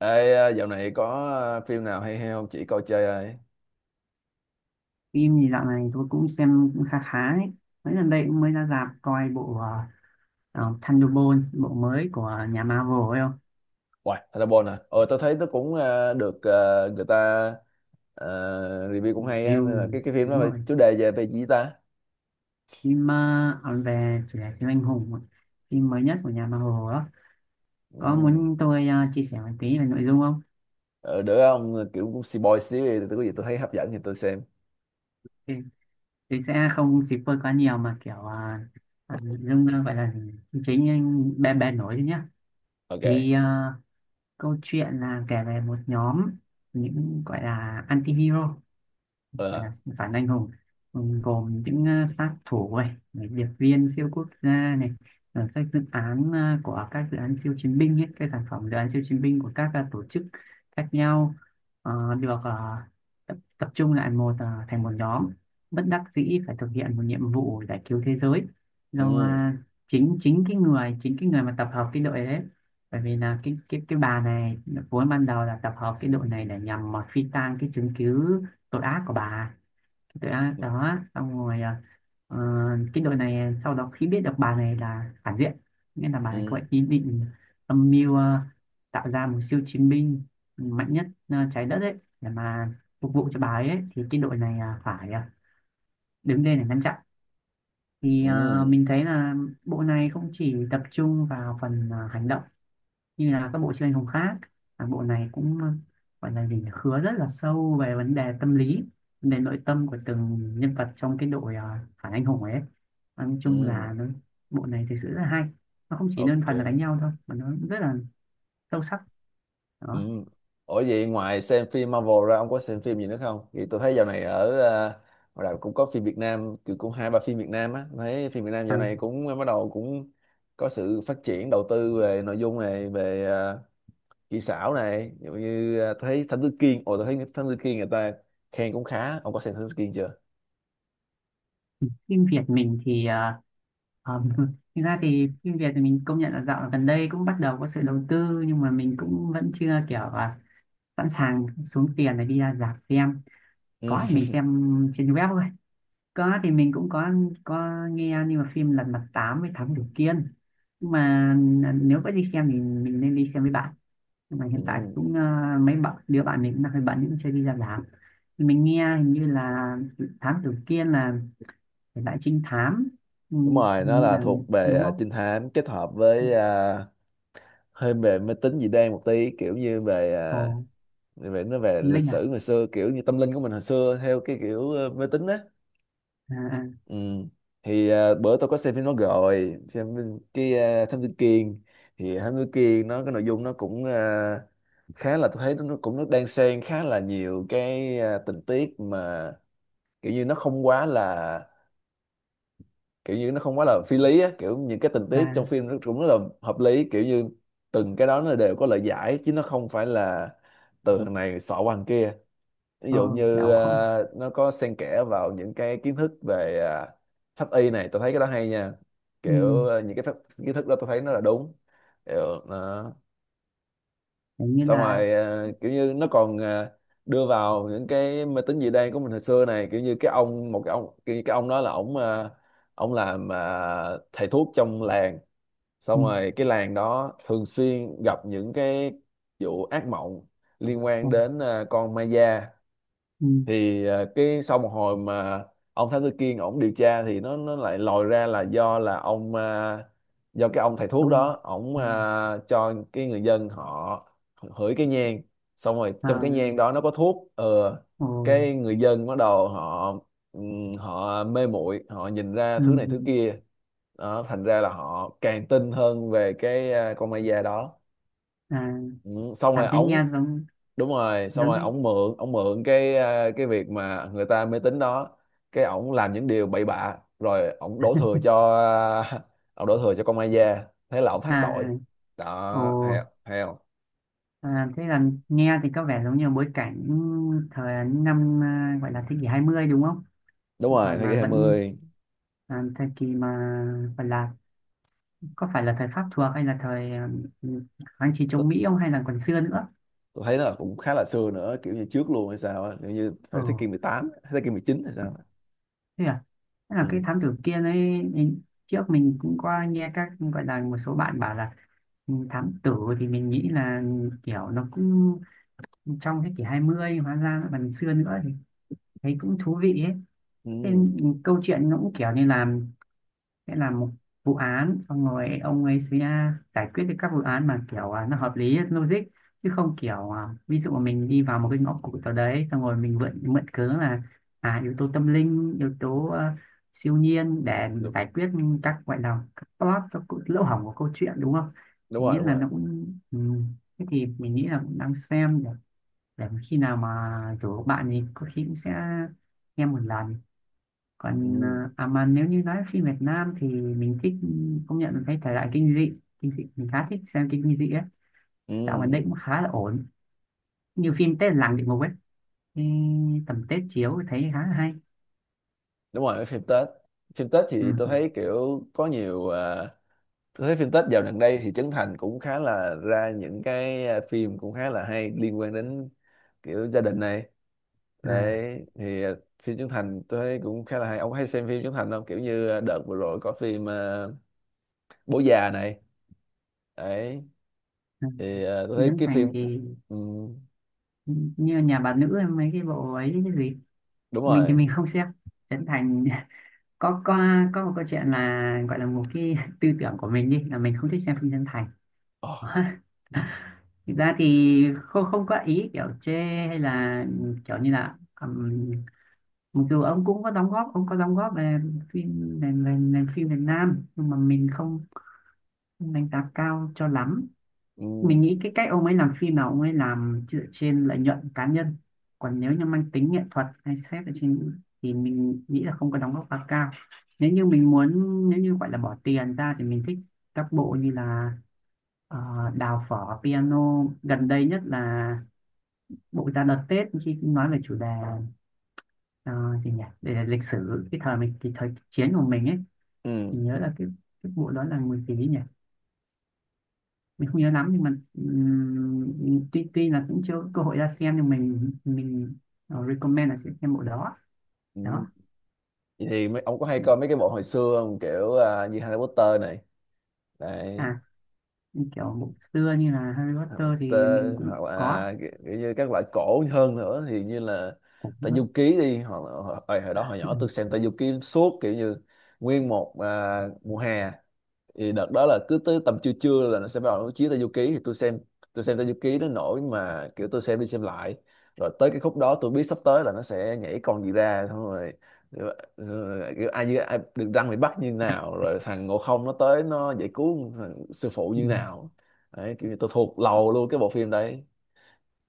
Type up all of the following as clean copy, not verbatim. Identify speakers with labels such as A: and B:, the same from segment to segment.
A: Ê, Dạo này có phim nào hay hay không chỉ coi chơi ai?
B: Phim gì dạo này tôi cũng xem cũng khá khá ấy. Mấy lần đây cũng mới ra rạp coi bộ Thunderbolts, bộ mới của nhà Marvel ấy không.
A: Hoài, Thunderbolt à? Ờ, tôi thấy nó cũng được, người ta à, review
B: Ừ,
A: cũng hay á, nên là
B: review
A: cái phim đó
B: đúng
A: là
B: rồi,
A: chủ đề về về gì ta?
B: phim về chủ đề siêu anh hùng ấy. Phim mới nhất của nhà Marvel đó. Có
A: Ừ.
B: muốn tôi chia sẻ một tí về nội dung không?
A: Ờ, được không? Kiểu cũng boy xíu, thì tôi có gì tôi thấy hấp dẫn thì tôi xem.
B: thì, thì sẽ không spoil quá nhiều mà kiểu nội dung gọi là chính bè bè nổi thôi nhá.
A: Ok.
B: Thì câu chuyện là kể về một nhóm những gọi là anti-hero, gọi là
A: Ờ.
B: phản anh hùng. Ừ, gồm những sát thủ này, này điệp viên siêu quốc gia này, các dự án ờ, của các dự án siêu chiến binh ấy, các sản phẩm dự án siêu chiến binh của các tổ chức khác nhau, ờ, được ờ, tập trung lại một thành một nhóm bất đắc dĩ phải thực hiện một nhiệm vụ giải cứu thế giới do
A: Ừ.
B: chính chính cái người mà tập hợp cái đội đấy. Bởi vì là cái bà này vốn ban đầu là tập hợp cái đội này để nhằm mà phi tang cái chứng cứ tội ác của bà, tội ác
A: Ừ.
B: đó. Xong rồi ờ, cái đội này sau đó khi biết được bà này là phản diện nên là bà này
A: Ừ.
B: có ý định âm mưu tạo ra một siêu chiến binh mạnh nhất trái đất ấy để mà phục vụ cho bà ấy, thì cái đội này à, phải à, đứng lên để ngăn chặn. Thì à,
A: Ừ.
B: mình thấy là bộ này không chỉ tập trung vào phần à, hành động như là các bộ chuyên ngành khác, à, bộ này cũng gọi là gì nhỉ? Khứa rất là sâu về vấn đề tâm lý, vấn đề nội tâm của từng nhân vật trong cái đội phản anh hùng ấy. Và nói chung
A: Ừ.
B: là bộ này thực sự rất là hay, nó không chỉ đơn
A: Ok.
B: thuần là đánh nhau thôi mà nó rất là sâu sắc
A: Ừ.
B: đó.
A: Ủa vậy ngoài xem phim Marvel ra ông có xem phim gì nữa không? Thì tôi thấy dạo này ở ngoài đảo cũng có phim Việt Nam, kiểu cũng hai ba phim Việt Nam á. Tôi thấy phim Việt Nam
B: À,
A: dạo này cũng bắt đầu cũng có sự phát triển đầu tư về nội dung này, về kỹ xảo này, ví dụ như tôi thấy Thám Tử Kiên. Ồ, tôi thấy Thám Tử Kiên người ta khen cũng khá, ông có xem Thám Tử Kiên chưa?
B: phim Việt mình thì ờ, thực ra thì phim Việt thì mình công nhận là dạo gần đây cũng bắt đầu có sự đầu tư nhưng mà mình cũng vẫn chưa kiểu sẵn sàng xuống tiền để đi ra rạp xem.
A: Ừ.
B: Có thì mình xem trên web thôi. Có thì mình cũng có nghe nhưng mà phim Lật Mặt 8 với Thám Tử Kiên. Nhưng mà à, nếu có đi xem thì mình nên đi xem với bạn, nhưng mà hiện tại
A: Ừ.
B: cũng mấy bạn đứa bạn mình cũng đang hơi bận cũng chưa đi ra làm. Thì mình nghe hình như là Thám Tử Kiên là thể loại trinh thám, ừ,
A: Đúng rồi, nó
B: hình như
A: là
B: là
A: thuộc về
B: đúng không.
A: trinh thám kết hợp với hơi về máy tính dị đoan một tí, kiểu như về
B: Ồ,
A: như vậy nó về
B: tâm
A: lịch
B: linh à.
A: sử ngày xưa kiểu như tâm linh của mình hồi xưa theo cái kiểu mê tín á.
B: À,
A: Ừ. thì bữa tôi có xem phim nó rồi xem phim- cái ờ, Thám Tử Kiên, thì Thám Tử Kiên nó cái nội dung nó cũng khá là, tôi thấy nó cũng nó đan xen khá là nhiều cái tình tiết mà kiểu như nó không quá là kiểu như nó không quá là phi lý á, kiểu những cái tình
B: à,
A: tiết trong
B: à,
A: phim nó cũng rất là hợp lý, kiểu như từng cái đó nó đều có lời giải chứ nó không phải là từ thằng này xỏ qua thằng kia. Ví
B: ờ,
A: dụ như
B: kiểu không.
A: nó có xen kẽ vào những cái kiến thức về pháp y này, tôi thấy cái đó hay nha.
B: Ừ,
A: Kiểu những cái pháp, kiến thức đó tôi thấy nó là đúng kiểu, nó
B: kiểu như
A: xong
B: là,
A: rồi kiểu như nó còn đưa vào những cái mê tín dị đoan của mình hồi xưa này, kiểu như cái ông, kiểu như cái ông đó là ổng ổng làm thầy thuốc trong làng,
B: ừ,
A: xong rồi cái làng đó thường xuyên gặp những cái vụ ác mộng liên
B: ừ,
A: quan đến con ma da.
B: ừ,
A: Thì à, cái sau một hồi mà ông Thám Tử Kiên ổng điều tra thì nó lại lòi ra là do cái ông thầy thuốc
B: không,
A: đó ổng
B: ừ,
A: cho cái người dân họ hửi cái nhang, xong rồi trong
B: à,
A: cái nhang đó nó có thuốc. Ờ
B: ồ,
A: cái người dân bắt đầu họ họ mê muội, họ nhìn ra
B: ừ,
A: thứ này thứ kia, đó thành ra là họ càng tin hơn về cái con ma da đó.
B: à,
A: Ừ, xong
B: à
A: rồi
B: thế nghe
A: ổng,
B: giống,
A: đúng rồi xong
B: giống
A: rồi
B: như,
A: ổng mượn cái cái việc mà người ta mê tín đó, cái ổng làm những điều bậy bạ rồi ổng đổ thừa cho à, ổng đổ thừa cho con ma da, thế là ổng thoát
B: à,
A: tội.
B: ồ.
A: Đó, hay hay không?
B: À, thế là nghe thì có vẻ giống như bối cảnh thời năm à, gọi là thế kỷ 20 đúng không?
A: Đúng rồi,
B: Thời
A: thế
B: mà
A: kỷ
B: vẫn
A: 20.
B: à, thời kỳ mà gọi là có phải là thời Pháp thuộc hay là thời à, ừ, kháng chiến
A: tôi,
B: chống Mỹ không, hay là còn xưa nữa?
A: tôi thấy nó là cũng khá là xưa nữa, kiểu như trước luôn hay sao á, kiểu như
B: Ồ,
A: phải thế kỷ 18, thế kỷ 19 hay sao á.
B: thế à. Thế là cái
A: Ừ.
B: thám tử kia ấy, mình- trước mình cũng có nghe các gọi là một số bạn bảo là, ừ, thám tử thì mình nghĩ là kiểu nó cũng trong thế kỷ hai mươi, hóa ra nó còn xưa nữa, thấy cũng thú vị ấy. Thế
A: Ừ.
B: câu chuyện nó cũng kiểu như làm, sẽ làm một vụ án xong rồi ông ấy sẽ giải quyết được các vụ án mà kiểu à, nó hợp lý logic chứ không kiểu à, ví dụ mình đi vào một cái ngõ cụt nào đấy xong rồi mình mượn mượn cớ là à, yếu tố tâm linh, yếu tố à, siêu nhiên để
A: Đúng,
B: giải quyết các gọi là các plot, các lỗ hổng của câu chuyện đúng không.
A: đúng
B: Mình
A: rồi
B: nghĩ
A: đúng
B: là
A: rồi.
B: nó cũng, ừ, thế thì mình nghĩ là cũng đang xem để khi nào mà rủ bạn thì có khi cũng sẽ nghe một lần. Còn
A: Ừ.
B: à, à mà nếu như nói phim Việt Nam thì mình thích, công nhận là cái thể loại kinh dị, kinh dị mình khá thích xem kinh dị á, dạo gần đây
A: Ừ.
B: cũng khá là ổn, như phim Tết làng địa ngục ấy, thì tầm Tết chiếu thì thấy khá là hay.
A: Đúng rồi, cái phim Tết, phim Tết
B: Ừ,
A: thì tôi
B: ừ,
A: thấy kiểu có nhiều tôi thấy phim Tết dạo gần đây thì Trấn Thành cũng khá là ra những cái phim cũng khá là hay liên quan đến kiểu gia đình này.
B: à,
A: Đấy thì phim Trấn Thành tôi thấy cũng khá là hay. Ông có hay xem phim Trấn Thành không? Kiểu như đợt vừa rồi có phim Bố già này. Đấy
B: ừ.
A: thì tôi thấy
B: Trấn
A: cái phim,
B: Thành thì
A: ừ,
B: như nhà bà nữ hay mấy cái bộ ấy, cái gì
A: đúng
B: mình thì
A: rồi.
B: mình không xem Trấn Thành. có có có một câu chuyện là gọi là một cái tư tưởng của mình đi là mình không thích xem phim Trấn Thành.
A: Ồ,
B: Thực ra thì không không có ý kiểu chê hay là kiểu như là mặc dù ông cũng có đóng góp, ông có đóng góp về phim về phim Việt Nam nhưng mà mình không đánh giá cao cho lắm.
A: ừ,
B: Mình nghĩ cái cách ông ấy làm phim là ông ấy làm dựa trên lợi nhuận cá nhân, còn nếu như mang tính nghệ thuật hay xét ở trên thì mình nghĩ là không có đóng góp quá cao. Nếu như mình muốn, nếu như gọi là bỏ tiền ra thì mình thích các bộ như là ờ, Đào Phở Piano, gần đây nhất là bộ ra đợt Tết khi nói về chủ đề ờ, gì nhỉ, về lịch sử cái thời mình, cái thời chiến của mình ấy.
A: ừ,
B: Mình nhớ là cái bộ đó là người gì nhỉ, mình không nhớ lắm nhưng mà tuy tuy là cũng chưa có cơ hội ra xem nhưng mình recommend là sẽ xem bộ đó.
A: ừ.
B: Đó.
A: Vậy thì mấy, ông có hay coi mấy cái bộ hồi xưa không? Kiểu như Harry Potter này. Đấy,
B: À, kiểu bộ xưa như là Harry
A: hoặc
B: Potter
A: là tê,
B: thì mình cũng
A: hoặc
B: có,
A: là kiểu kiểu như các loại cổ hơn nữa thì như là
B: cũng
A: Tây
B: có.
A: Du Ký đi. Hoặc là hồi, hồi hồi đó hồi nhỏ tôi xem Tây Du Ký suốt, kiểu như nguyên một mùa hè. Thì đợt đó là cứ tới tầm trưa trưa là nó sẽ bắt đầu nó chiếu Tây Du Ký thì tôi xem Tây Du Ký nó nổi mà, kiểu tôi xem đi xem lại, rồi tới cái khúc đó tôi biết sắp tới là nó sẽ nhảy con gì ra xong rồi, rồi, rồi kiểu ai, ai được răng bị bắt như nào, rồi thằng Ngộ Không nó tới nó giải cứu thằng sư phụ
B: Ừ.
A: như nào. Đấy, kiểu như tôi thuộc lầu luôn cái bộ phim đấy.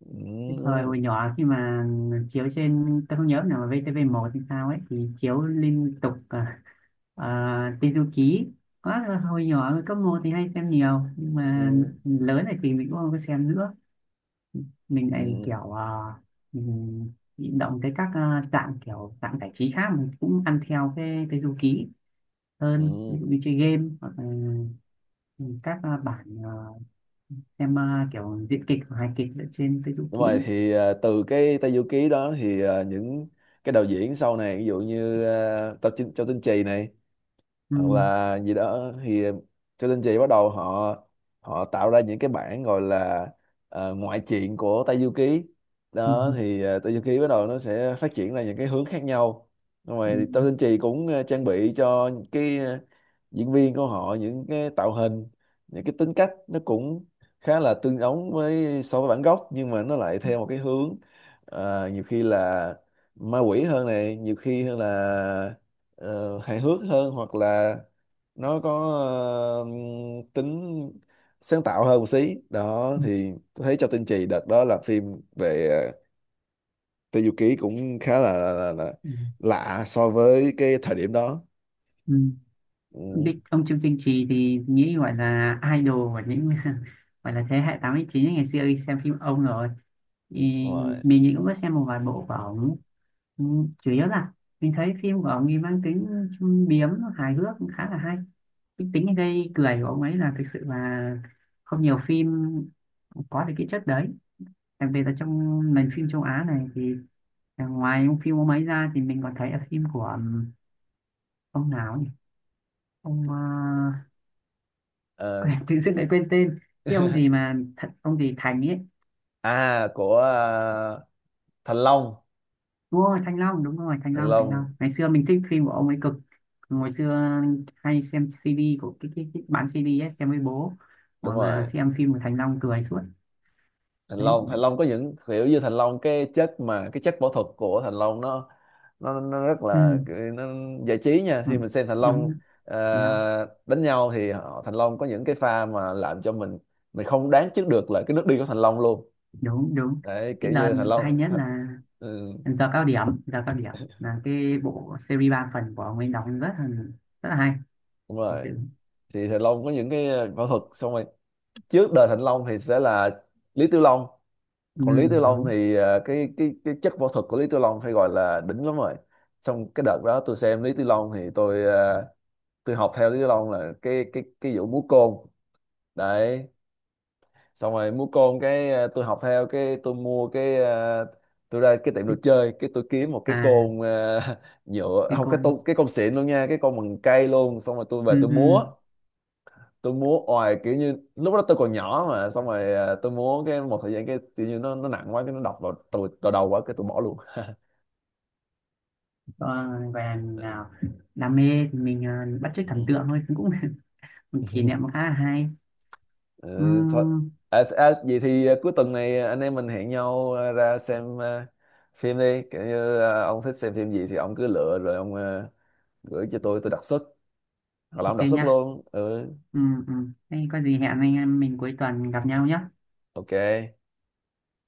A: Ừ,
B: Cái thời hồi nhỏ khi mà chiếu trên tôi không nhớ nào mà VTV1 thì sao ấy thì chiếu liên tục Tây Du Ký quá, hồi nhỏ cấp một thì hay xem nhiều nhưng mà
A: ừ,
B: lớn này thì mình cũng không có xem nữa. Mình lại
A: ừ,
B: kiểu à, mình bị động tới các à, dạng kiểu dạng giải trí khác mình cũng ăn theo cái Tây Du Ký
A: ừ.
B: hơn, ví dụ
A: Ừ.
B: như chơi game hoặc là các à, bản à, xem à, kiểu diễn kịch hoặc hài kịch ở trên Tây Du
A: Đúng rồi,
B: Ký.
A: thì từ cái Tây Du Ký đó thì những cái đạo diễn sau này, ví dụ như Châu Tinh Trì này
B: Ừ,
A: hoặc là gì đó, thì cho nên chị bắt đầu họ họ tạo ra những cái bản gọi là ngoại truyện của Tây Du Ký.
B: ừ,
A: Đó thì Tây Du Ký bắt đầu nó sẽ phát triển ra những cái hướng khác nhau, xong
B: ừ,
A: rồi Tô Tinh Trì cũng trang bị cho cái diễn viên của họ những cái tạo hình, những cái tính cách nó cũng khá là tương ứng với so với bản gốc, nhưng mà nó lại theo một cái hướng nhiều khi là ma quỷ hơn này, nhiều khi hơn là ờ, hài hước hơn, hoặc là nó có ờ, tính sáng tạo hơn một xí. Đó
B: ừ.
A: thì tôi thấy cho Tinh Trì đợt đó là phim về Tây Du Ký cũng khá là, là
B: Ừ,
A: lạ so với cái thời điểm đó.
B: ừ. Ông
A: Ừ.
B: Bích, ông Trương Tinh Trì thì nghĩ gọi là idol của những gọi là thế hệ 89 ấy, ngày xưa đi xem phim ông rồi, thì
A: Đúng rồi.
B: mình thì cũng có xem một vài bộ của ông. Ừ, chủ yếu là mình thấy phim của ông ấy mang tính châm biếm, hài hước cũng khá là hay. Cái tính gây cười của ông ấy là thực sự là không nhiều phim có được cái chất đấy, đặc biệt là trong nền phim châu Á này. Thì à, ngoài ông phim ông ấy ra thì mình còn thấy ở phim của ông nào nhỉ, ông
A: Ờ,
B: quên, tự dưng lại quên tên cái ông gì mà, thật, ông gì Thành ấy.
A: à của Thành Long.
B: Đúng rồi Thanh Long, đúng rồi Thanh
A: Thành
B: Long Thanh Long
A: Long
B: ngày xưa mình thích phim của ông ấy cực. Ngày xưa hay xem CD của cái bán CD ấy, xem với bố
A: đúng
B: rồi
A: rồi,
B: mà xem phim của Thành Long cười suốt đấy.
A: Thành Long có những kiểu như Thành Long, cái chất võ thuật của Thành Long nó, nó rất là
B: Ừ,
A: nó giải trí nha
B: ừ,
A: khi mình xem Thành
B: đúng,
A: Long. Ờ,
B: Thành Long,
A: đánh nhau thì họ, Thành Long có những cái pha mà làm cho mình không đoán trước được là cái nước đi của Thành Long luôn.
B: đúng, đúng.
A: Đấy
B: Cái
A: kiểu
B: đợt
A: như Thành
B: hay
A: Long,
B: nhất là
A: ừ,
B: Giờ Cao Điểm, Giờ Cao Điểm là cái bộ series 3 phần của ông ấy đóng rất là hay
A: đúng
B: thực
A: rồi,
B: sự.
A: thì Thành Long có những cái võ thuật. Xong rồi trước đời Thành Long thì sẽ là Lý Tiểu Long.
B: Ừ,
A: Còn Lý Tiểu Long
B: đúng,
A: thì cái chất võ thuật của Lý Tiểu Long phải gọi là đỉnh lắm rồi. Xong cái đợt đó tôi xem Lý Tiểu Long thì tôi học theo Lý Tiểu Long là cái vụ múa côn. Đấy xong rồi múa côn cái tôi học theo cái tôi mua cái tôi ra cái tiệm đồ chơi cái tôi kiếm một cái
B: à
A: côn nhựa
B: cái
A: không
B: cô,
A: cái tô, cái côn xịn luôn nha, cái côn bằng cây luôn. Xong rồi tôi về
B: ừ, ừ.
A: tôi múa oài, kiểu như lúc đó tôi còn nhỏ mà, xong rồi tôi múa cái một thời gian cái kiểu như nó nặng quá, cái nó đập vào tôi vào đầu quá, cái tôi bỏ luôn.
B: Ờ, gọi là mình nào đam mê thì mình bắt chước thần
A: Ừ.
B: tượng thôi cũng cũng một kỷ niệm khá là hay.
A: Ừ, thôi
B: Ừm,
A: vậy thì cuối tuần này anh em mình hẹn nhau ra xem phim đi, kiểu như ông thích xem phim gì thì ông cứ lựa rồi ông gửi cho tôi đặt suất, hoặc là
B: ok
A: ông đặt suất
B: nha.
A: luôn. Ừ,
B: Thế có gì hẹn anh em mình cuối tuần gặp nhau nhé.
A: ok,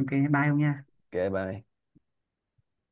B: Ok bye ông nha.
A: ok bye.